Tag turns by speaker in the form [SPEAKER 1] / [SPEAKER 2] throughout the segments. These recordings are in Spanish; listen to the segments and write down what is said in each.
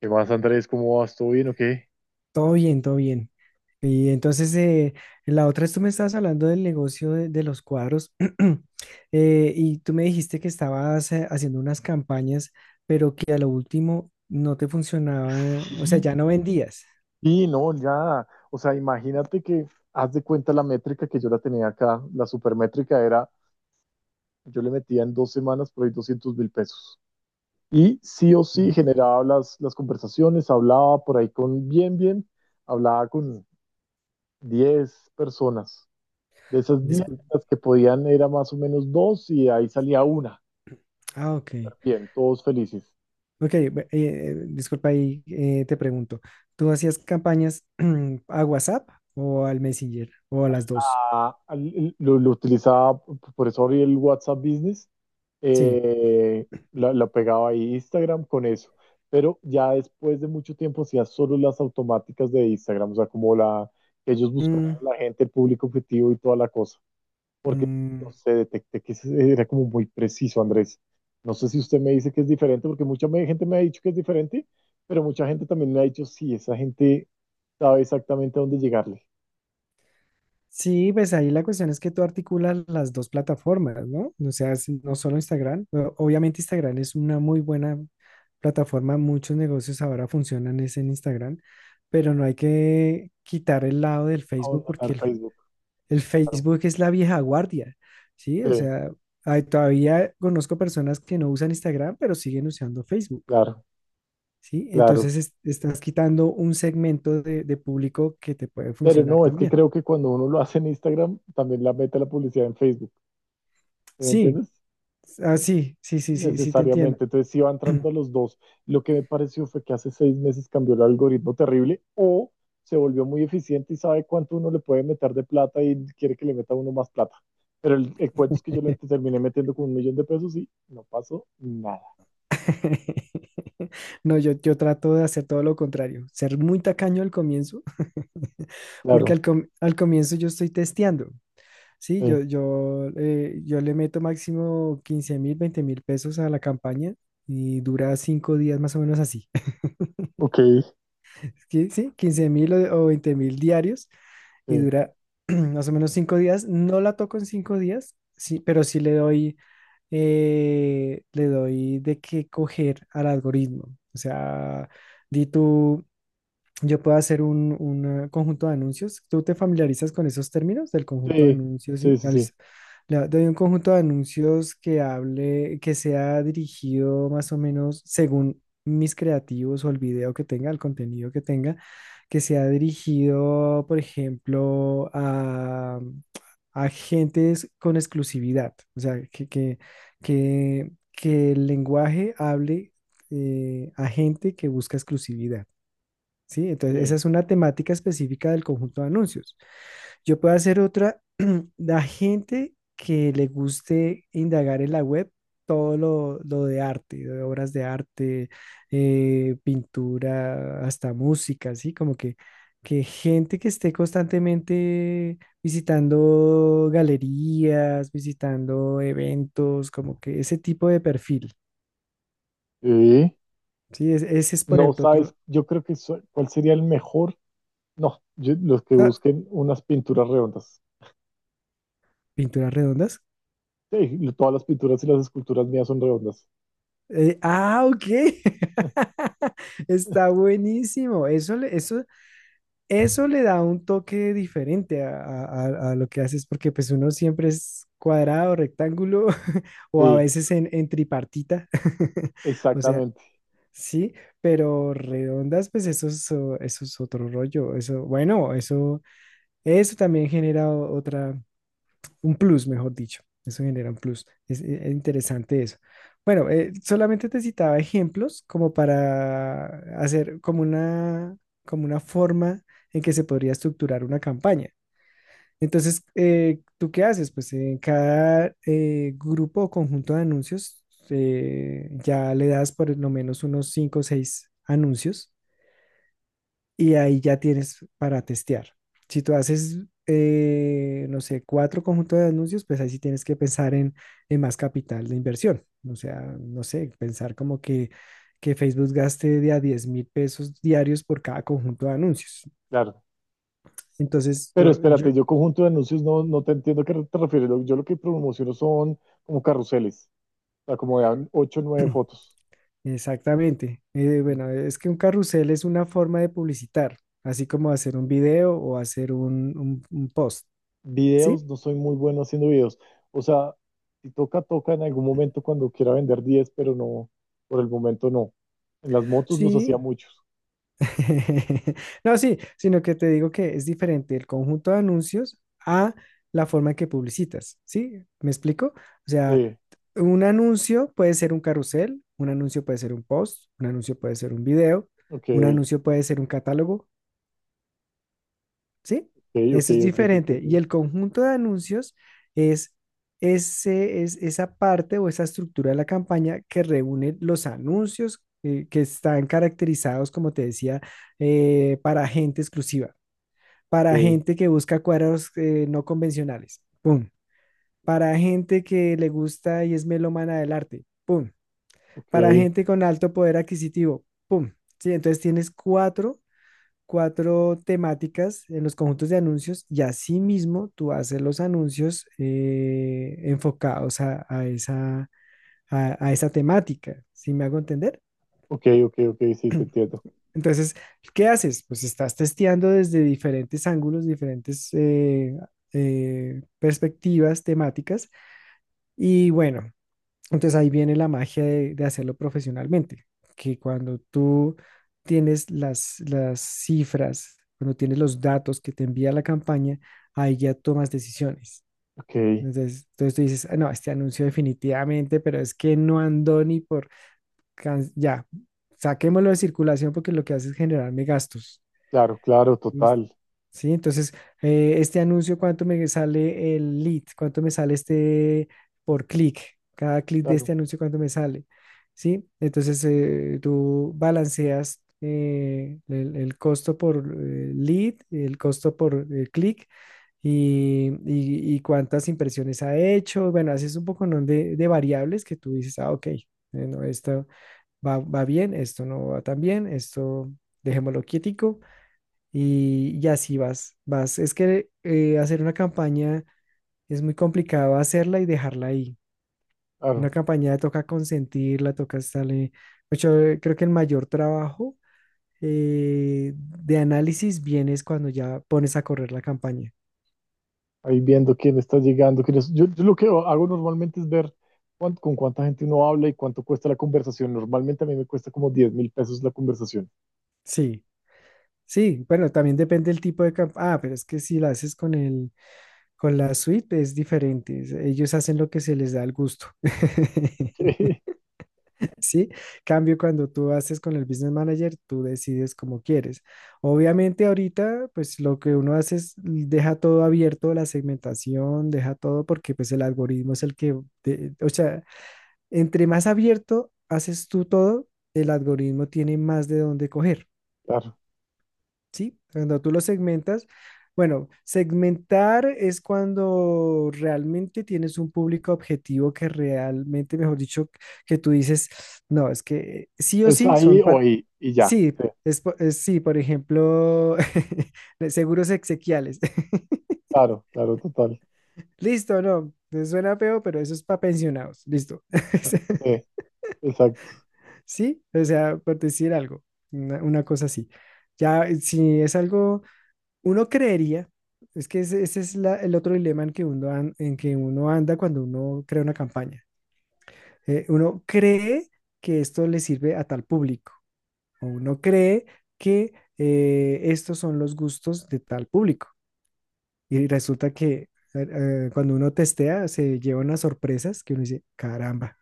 [SPEAKER 1] ¿Qué más, Andrés? ¿Cómo vas? ¿Todo bien o qué?
[SPEAKER 2] Todo bien, todo bien. Y entonces, la otra es tú me estabas hablando del negocio de los cuadros y tú me dijiste que estabas haciendo unas campañas, pero que a lo último no te funcionaba, o sea, ya no vendías.
[SPEAKER 1] Sí, no, ya. O sea, imagínate que haz de cuenta la métrica que yo la tenía acá. La supermétrica era, yo le metía en dos semanas por ahí 200.000 pesos. Y sí o sí
[SPEAKER 2] Ujú.
[SPEAKER 1] generaba las conversaciones, hablaba por ahí con bien, bien, hablaba con 10 personas. De esas 10
[SPEAKER 2] Discul-
[SPEAKER 1] las que podían era más o menos dos y ahí salía una.
[SPEAKER 2] Ah, ok.
[SPEAKER 1] Bien, todos felices.
[SPEAKER 2] Ok, disculpa ahí, te pregunto, ¿tú hacías campañas a WhatsApp o al Messenger o a las dos?
[SPEAKER 1] Lo utilizaba, por eso abrí el WhatsApp Business.
[SPEAKER 2] Sí.
[SPEAKER 1] Eh, la, la pegaba ahí Instagram con eso, pero ya después de mucho tiempo hacía solo las automáticas de Instagram. O sea, como la, ellos buscaban
[SPEAKER 2] Mm,
[SPEAKER 1] a la gente, el público objetivo y toda la cosa, porque no
[SPEAKER 2] mm,
[SPEAKER 1] sé, detecté que ese era como muy preciso, Andrés. No sé si usted me dice que es diferente, porque mucha gente me ha dicho que es diferente, pero mucha gente también me ha dicho, sí, esa gente sabe exactamente a dónde llegarle,
[SPEAKER 2] sí, pues ahí la cuestión es que tú articulas las dos plataformas, ¿no? O sea, es no solo Instagram, obviamente Instagram es una muy buena plataforma, muchos negocios ahora funcionan es en Instagram, pero no hay que quitar el lado del
[SPEAKER 1] a
[SPEAKER 2] Facebook
[SPEAKER 1] dónde al
[SPEAKER 2] porque
[SPEAKER 1] Facebook,
[SPEAKER 2] el
[SPEAKER 1] claro.
[SPEAKER 2] Facebook es la vieja guardia, ¿sí? O
[SPEAKER 1] Sí.
[SPEAKER 2] sea, todavía conozco personas que no usan Instagram, pero siguen usando Facebook,
[SPEAKER 1] Claro,
[SPEAKER 2] ¿sí?
[SPEAKER 1] claro.
[SPEAKER 2] Entonces estás quitando un segmento de público que te puede
[SPEAKER 1] Pero
[SPEAKER 2] funcionar
[SPEAKER 1] no, es que
[SPEAKER 2] también.
[SPEAKER 1] creo que cuando uno lo hace en Instagram, también la mete la publicidad en Facebook. ¿Sí? ¿Me
[SPEAKER 2] Sí,
[SPEAKER 1] entiendes?
[SPEAKER 2] ah, sí, sí, sí, sí, sí, te entiendo.
[SPEAKER 1] Necesariamente. Entonces sí va entrando los dos. Lo que me pareció fue que hace 6 meses cambió el algoritmo terrible o se volvió muy eficiente y sabe cuánto uno le puede meter de plata y quiere que le meta uno más plata. Pero el cuento es que yo le terminé metiendo con 1.000.000 de pesos y no pasó nada.
[SPEAKER 2] No, yo trato de hacer todo lo contrario, ser muy tacaño al comienzo, porque
[SPEAKER 1] Claro.
[SPEAKER 2] al comienzo yo estoy testeando, ¿sí? Yo,
[SPEAKER 1] Sí.
[SPEAKER 2] yo, eh, yo le meto máximo 15.000, 20.000 pesos a la campaña y dura 5 días más o menos así,
[SPEAKER 1] Ok.
[SPEAKER 2] ¿sí? Sí, 15 mil o 20 mil diarios y
[SPEAKER 1] Sí.
[SPEAKER 2] dura más o menos cinco días. No la toco en 5 días, sí, pero sí le doy de qué coger al algoritmo. O sea, di tú, yo puedo hacer conjunto de anuncios. ¿Tú te familiarizas con esos términos del conjunto de
[SPEAKER 1] Sí.
[SPEAKER 2] anuncios?
[SPEAKER 1] Sí,
[SPEAKER 2] Sí,
[SPEAKER 1] sí,
[SPEAKER 2] ah,
[SPEAKER 1] sí.
[SPEAKER 2] listo. Le doy un conjunto de anuncios que hable, que sea dirigido más o menos según mis creativos o el video que tenga, el contenido que tenga, que sea dirigido, por ejemplo, a gentes con exclusividad. O sea, que el lenguaje hable a gente que busca exclusividad. ¿Sí? Entonces, esa
[SPEAKER 1] Sí.
[SPEAKER 2] es una temática específica del conjunto de anuncios. Yo puedo hacer otra, la gente que le guste indagar en la web todo lo de arte, de obras de arte, pintura, hasta música, ¿sí? Como que gente que esté constantemente visitando galerías, visitando eventos, como que ese tipo de perfil,
[SPEAKER 1] Sí.
[SPEAKER 2] ¿sí? Ese es, por
[SPEAKER 1] No
[SPEAKER 2] ejemplo,
[SPEAKER 1] sabes,
[SPEAKER 2] otro...
[SPEAKER 1] yo creo que so- cuál sería el mejor. No, yo- los que
[SPEAKER 2] Ah,
[SPEAKER 1] busquen unas pinturas redondas.
[SPEAKER 2] pinturas redondas.
[SPEAKER 1] Sí, todas las pinturas y las esculturas mías son redondas.
[SPEAKER 2] Ah, ok. Está buenísimo. Eso le da un toque diferente a lo que haces, porque pues uno siempre es cuadrado, rectángulo, o a
[SPEAKER 1] Sí,
[SPEAKER 2] veces en tripartita. O sea,
[SPEAKER 1] exactamente,
[SPEAKER 2] sí, pero redondas, pues eso es, eso es otro rollo. Eso, bueno, eso también genera otra un plus, mejor dicho. Eso genera un plus. Es interesante eso. Bueno, solamente te citaba ejemplos como para hacer como una forma en que se podría estructurar una campaña. Entonces, ¿tú qué haces? Pues en cada grupo o conjunto de anuncios ya le das por lo menos unos 5 o 6 anuncios y ahí ya tienes para testear. Si tú haces, no sé, cuatro conjuntos de anuncios, pues ahí sí tienes que pensar en más capital de inversión. O sea, no sé, pensar como que Facebook gaste de a 10.000 pesos diarios por cada conjunto de anuncios.
[SPEAKER 1] claro.
[SPEAKER 2] Entonces,
[SPEAKER 1] Pero
[SPEAKER 2] yo,
[SPEAKER 1] espérate, yo conjunto de anuncios no te entiendo a qué te refieres. Lo- Yo lo que promociono son como carruseles, o sea, como de 8 o 9 fotos.
[SPEAKER 2] exactamente. Bueno, es que un carrusel es una forma de publicitar, así como hacer un video o hacer un post,
[SPEAKER 1] Videos,
[SPEAKER 2] ¿sí?
[SPEAKER 1] no soy muy bueno haciendo videos. O sea, si toca, toca en algún momento cuando quiera vender 10, pero no, por el momento no. En las motos los
[SPEAKER 2] Sí,
[SPEAKER 1] hacía muchos.
[SPEAKER 2] no, sí, sino que te digo que es diferente el conjunto de anuncios a la forma en que publicitas, ¿sí? ¿Me explico? O sea,
[SPEAKER 1] Sí.
[SPEAKER 2] un anuncio puede ser un carrusel, un anuncio puede ser un post, un anuncio puede ser un video,
[SPEAKER 1] Ok, ok,
[SPEAKER 2] un anuncio puede ser un catálogo, ¿sí?
[SPEAKER 1] ok,
[SPEAKER 2] Eso es
[SPEAKER 1] ok, te
[SPEAKER 2] diferente. Y
[SPEAKER 1] entiendo.
[SPEAKER 2] el conjunto de anuncios es, es esa parte o esa estructura de la campaña que reúne los anuncios que están caracterizados, como te decía, para gente exclusiva, para
[SPEAKER 1] Ok,
[SPEAKER 2] gente que busca cuadros no convencionales, ¡pum! Para gente que le gusta y es melómana del arte, ¡pum! Para
[SPEAKER 1] ok,
[SPEAKER 2] gente con alto poder adquisitivo, ¡pum! Sí, entonces tienes cuatro temáticas en los conjuntos de anuncios y así mismo tú haces los anuncios enfocados a esa temática, ¿sí me hago entender?
[SPEAKER 1] ok, ok, ok, sí, te entiendo.
[SPEAKER 2] Entonces, ¿qué haces? Pues estás testeando desde diferentes ángulos, diferentes perspectivas temáticas y bueno. Entonces ahí viene la magia de hacerlo profesionalmente, que cuando tú tienes las cifras, cuando tienes los datos que te envía la campaña, ahí ya tomas decisiones.
[SPEAKER 1] Ok,
[SPEAKER 2] Entonces, tú dices: "Ah, no, este anuncio definitivamente, pero es que no andó ni por... ya, saquémoslo de circulación porque lo que hace es generarme gastos."
[SPEAKER 1] claro, claro,
[SPEAKER 2] Listo.
[SPEAKER 1] total,
[SPEAKER 2] Sí, entonces, este anuncio, ¿cuánto me sale el lead? ¿Cuánto me sale este por clic? Cada clic de
[SPEAKER 1] claro,
[SPEAKER 2] este anuncio, ¿cuánto me sale? Sí, entonces tú balanceas el costo por lead, el costo por clic y cuántas impresiones ha hecho. Bueno, haces un poco, ¿no? de variables que tú dices, ah, ok, bueno, esto va bien, esto no va tan bien, esto dejémoslo quietico y así vas, vas. Es que hacer una campaña es muy complicado hacerla y dejarla ahí. Una
[SPEAKER 1] claro.
[SPEAKER 2] campaña toca consentirla, toca estarle. Mucho, creo que el mayor trabajo de análisis viene es cuando ya pones a correr la campaña.
[SPEAKER 1] Ahí viendo quién está llegando, quién es. Yo lo que hago normalmente es ver cuán- con cuánta gente uno habla y cuánto cuesta la conversación. Normalmente a mí me cuesta como 10.000 pesos la conversación.
[SPEAKER 2] Sí, sí, bueno, también depende del tipo de campaña. Ah, pero es que si la haces con el, con la suite es diferente. Ellos hacen lo que se les da el gusto. Sí, cambio cuando tú haces con el business manager, tú decides como quieres. Obviamente ahorita, pues lo que uno hace es deja todo abierto, la segmentación, deja todo porque pues el algoritmo es el que, o sea, entre más abierto haces tú todo, el algoritmo tiene más de dónde coger.
[SPEAKER 1] Claro,
[SPEAKER 2] Sí, cuando tú lo segmentas, bueno, segmentar es cuando realmente tienes un público objetivo que realmente, mejor dicho, que tú dices, no, es que sí o
[SPEAKER 1] es
[SPEAKER 2] sí
[SPEAKER 1] ahí
[SPEAKER 2] son
[SPEAKER 1] o ahí y ya.
[SPEAKER 2] sí, sí, por ejemplo, de seguros exequiales.
[SPEAKER 1] Claro, claro, total.
[SPEAKER 2] Listo, no, suena feo, pero eso es para pensionados. Listo.
[SPEAKER 1] Sí, exacto.
[SPEAKER 2] Sí, o sea, por decir algo, una cosa así. Ya, si es algo. Uno creería, es que ese es el otro dilema en que uno, anda cuando uno crea una campaña. Uno cree que esto le sirve a tal público, o uno cree que estos son los gustos de tal público. Y resulta que cuando uno testea se lleva unas sorpresas que uno dice, caramba.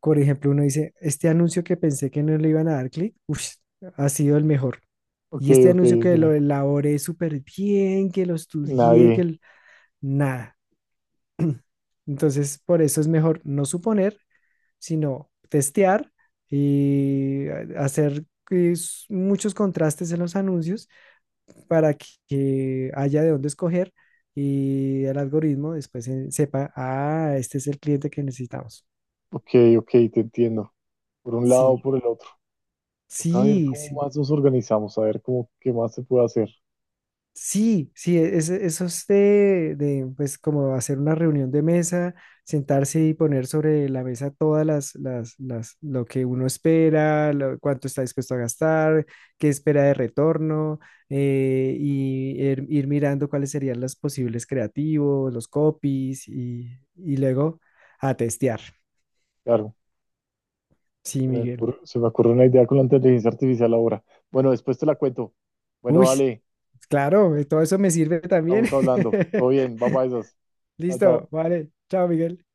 [SPEAKER 2] Por ejemplo, uno dice, este anuncio que pensé que no le iban a dar clic, ush, ha sido el mejor.
[SPEAKER 1] Ok,
[SPEAKER 2] Y este
[SPEAKER 1] ok,
[SPEAKER 2] anuncio que lo
[SPEAKER 1] ok.
[SPEAKER 2] elaboré súper bien, que lo estudié,
[SPEAKER 1] Nadie.
[SPEAKER 2] que, nada. Entonces, por eso es mejor no suponer, sino testear y hacer muchos contrastes en los anuncios para que haya de dónde escoger y el algoritmo después sepa, ah, este es el cliente que necesitamos.
[SPEAKER 1] Ok, ok, te entiendo. Por un lado o
[SPEAKER 2] Sí,
[SPEAKER 1] por el otro. Toca ver
[SPEAKER 2] sí,
[SPEAKER 1] cómo
[SPEAKER 2] sí.
[SPEAKER 1] más nos organizamos, a ver cómo qué más se puede hacer.
[SPEAKER 2] Sí, sí, eso es pues, como hacer una reunión de mesa, sentarse y poner sobre la mesa todas lo que uno espera, cuánto está dispuesto a gastar, qué espera de retorno, y ir mirando cuáles serían los posibles creativos, los copies, y luego a testear.
[SPEAKER 1] Claro,
[SPEAKER 2] Sí, Miguel.
[SPEAKER 1] se me ocurre una idea con la inteligencia artificial ahora. Bueno, después te la cuento. Bueno,
[SPEAKER 2] Uy,
[SPEAKER 1] dale,
[SPEAKER 2] claro, todo eso me sirve también.
[SPEAKER 1] estamos hablando. Todo bien, va para esas. Chao,
[SPEAKER 2] Listo,
[SPEAKER 1] chao.
[SPEAKER 2] vale. Chao, Miguel.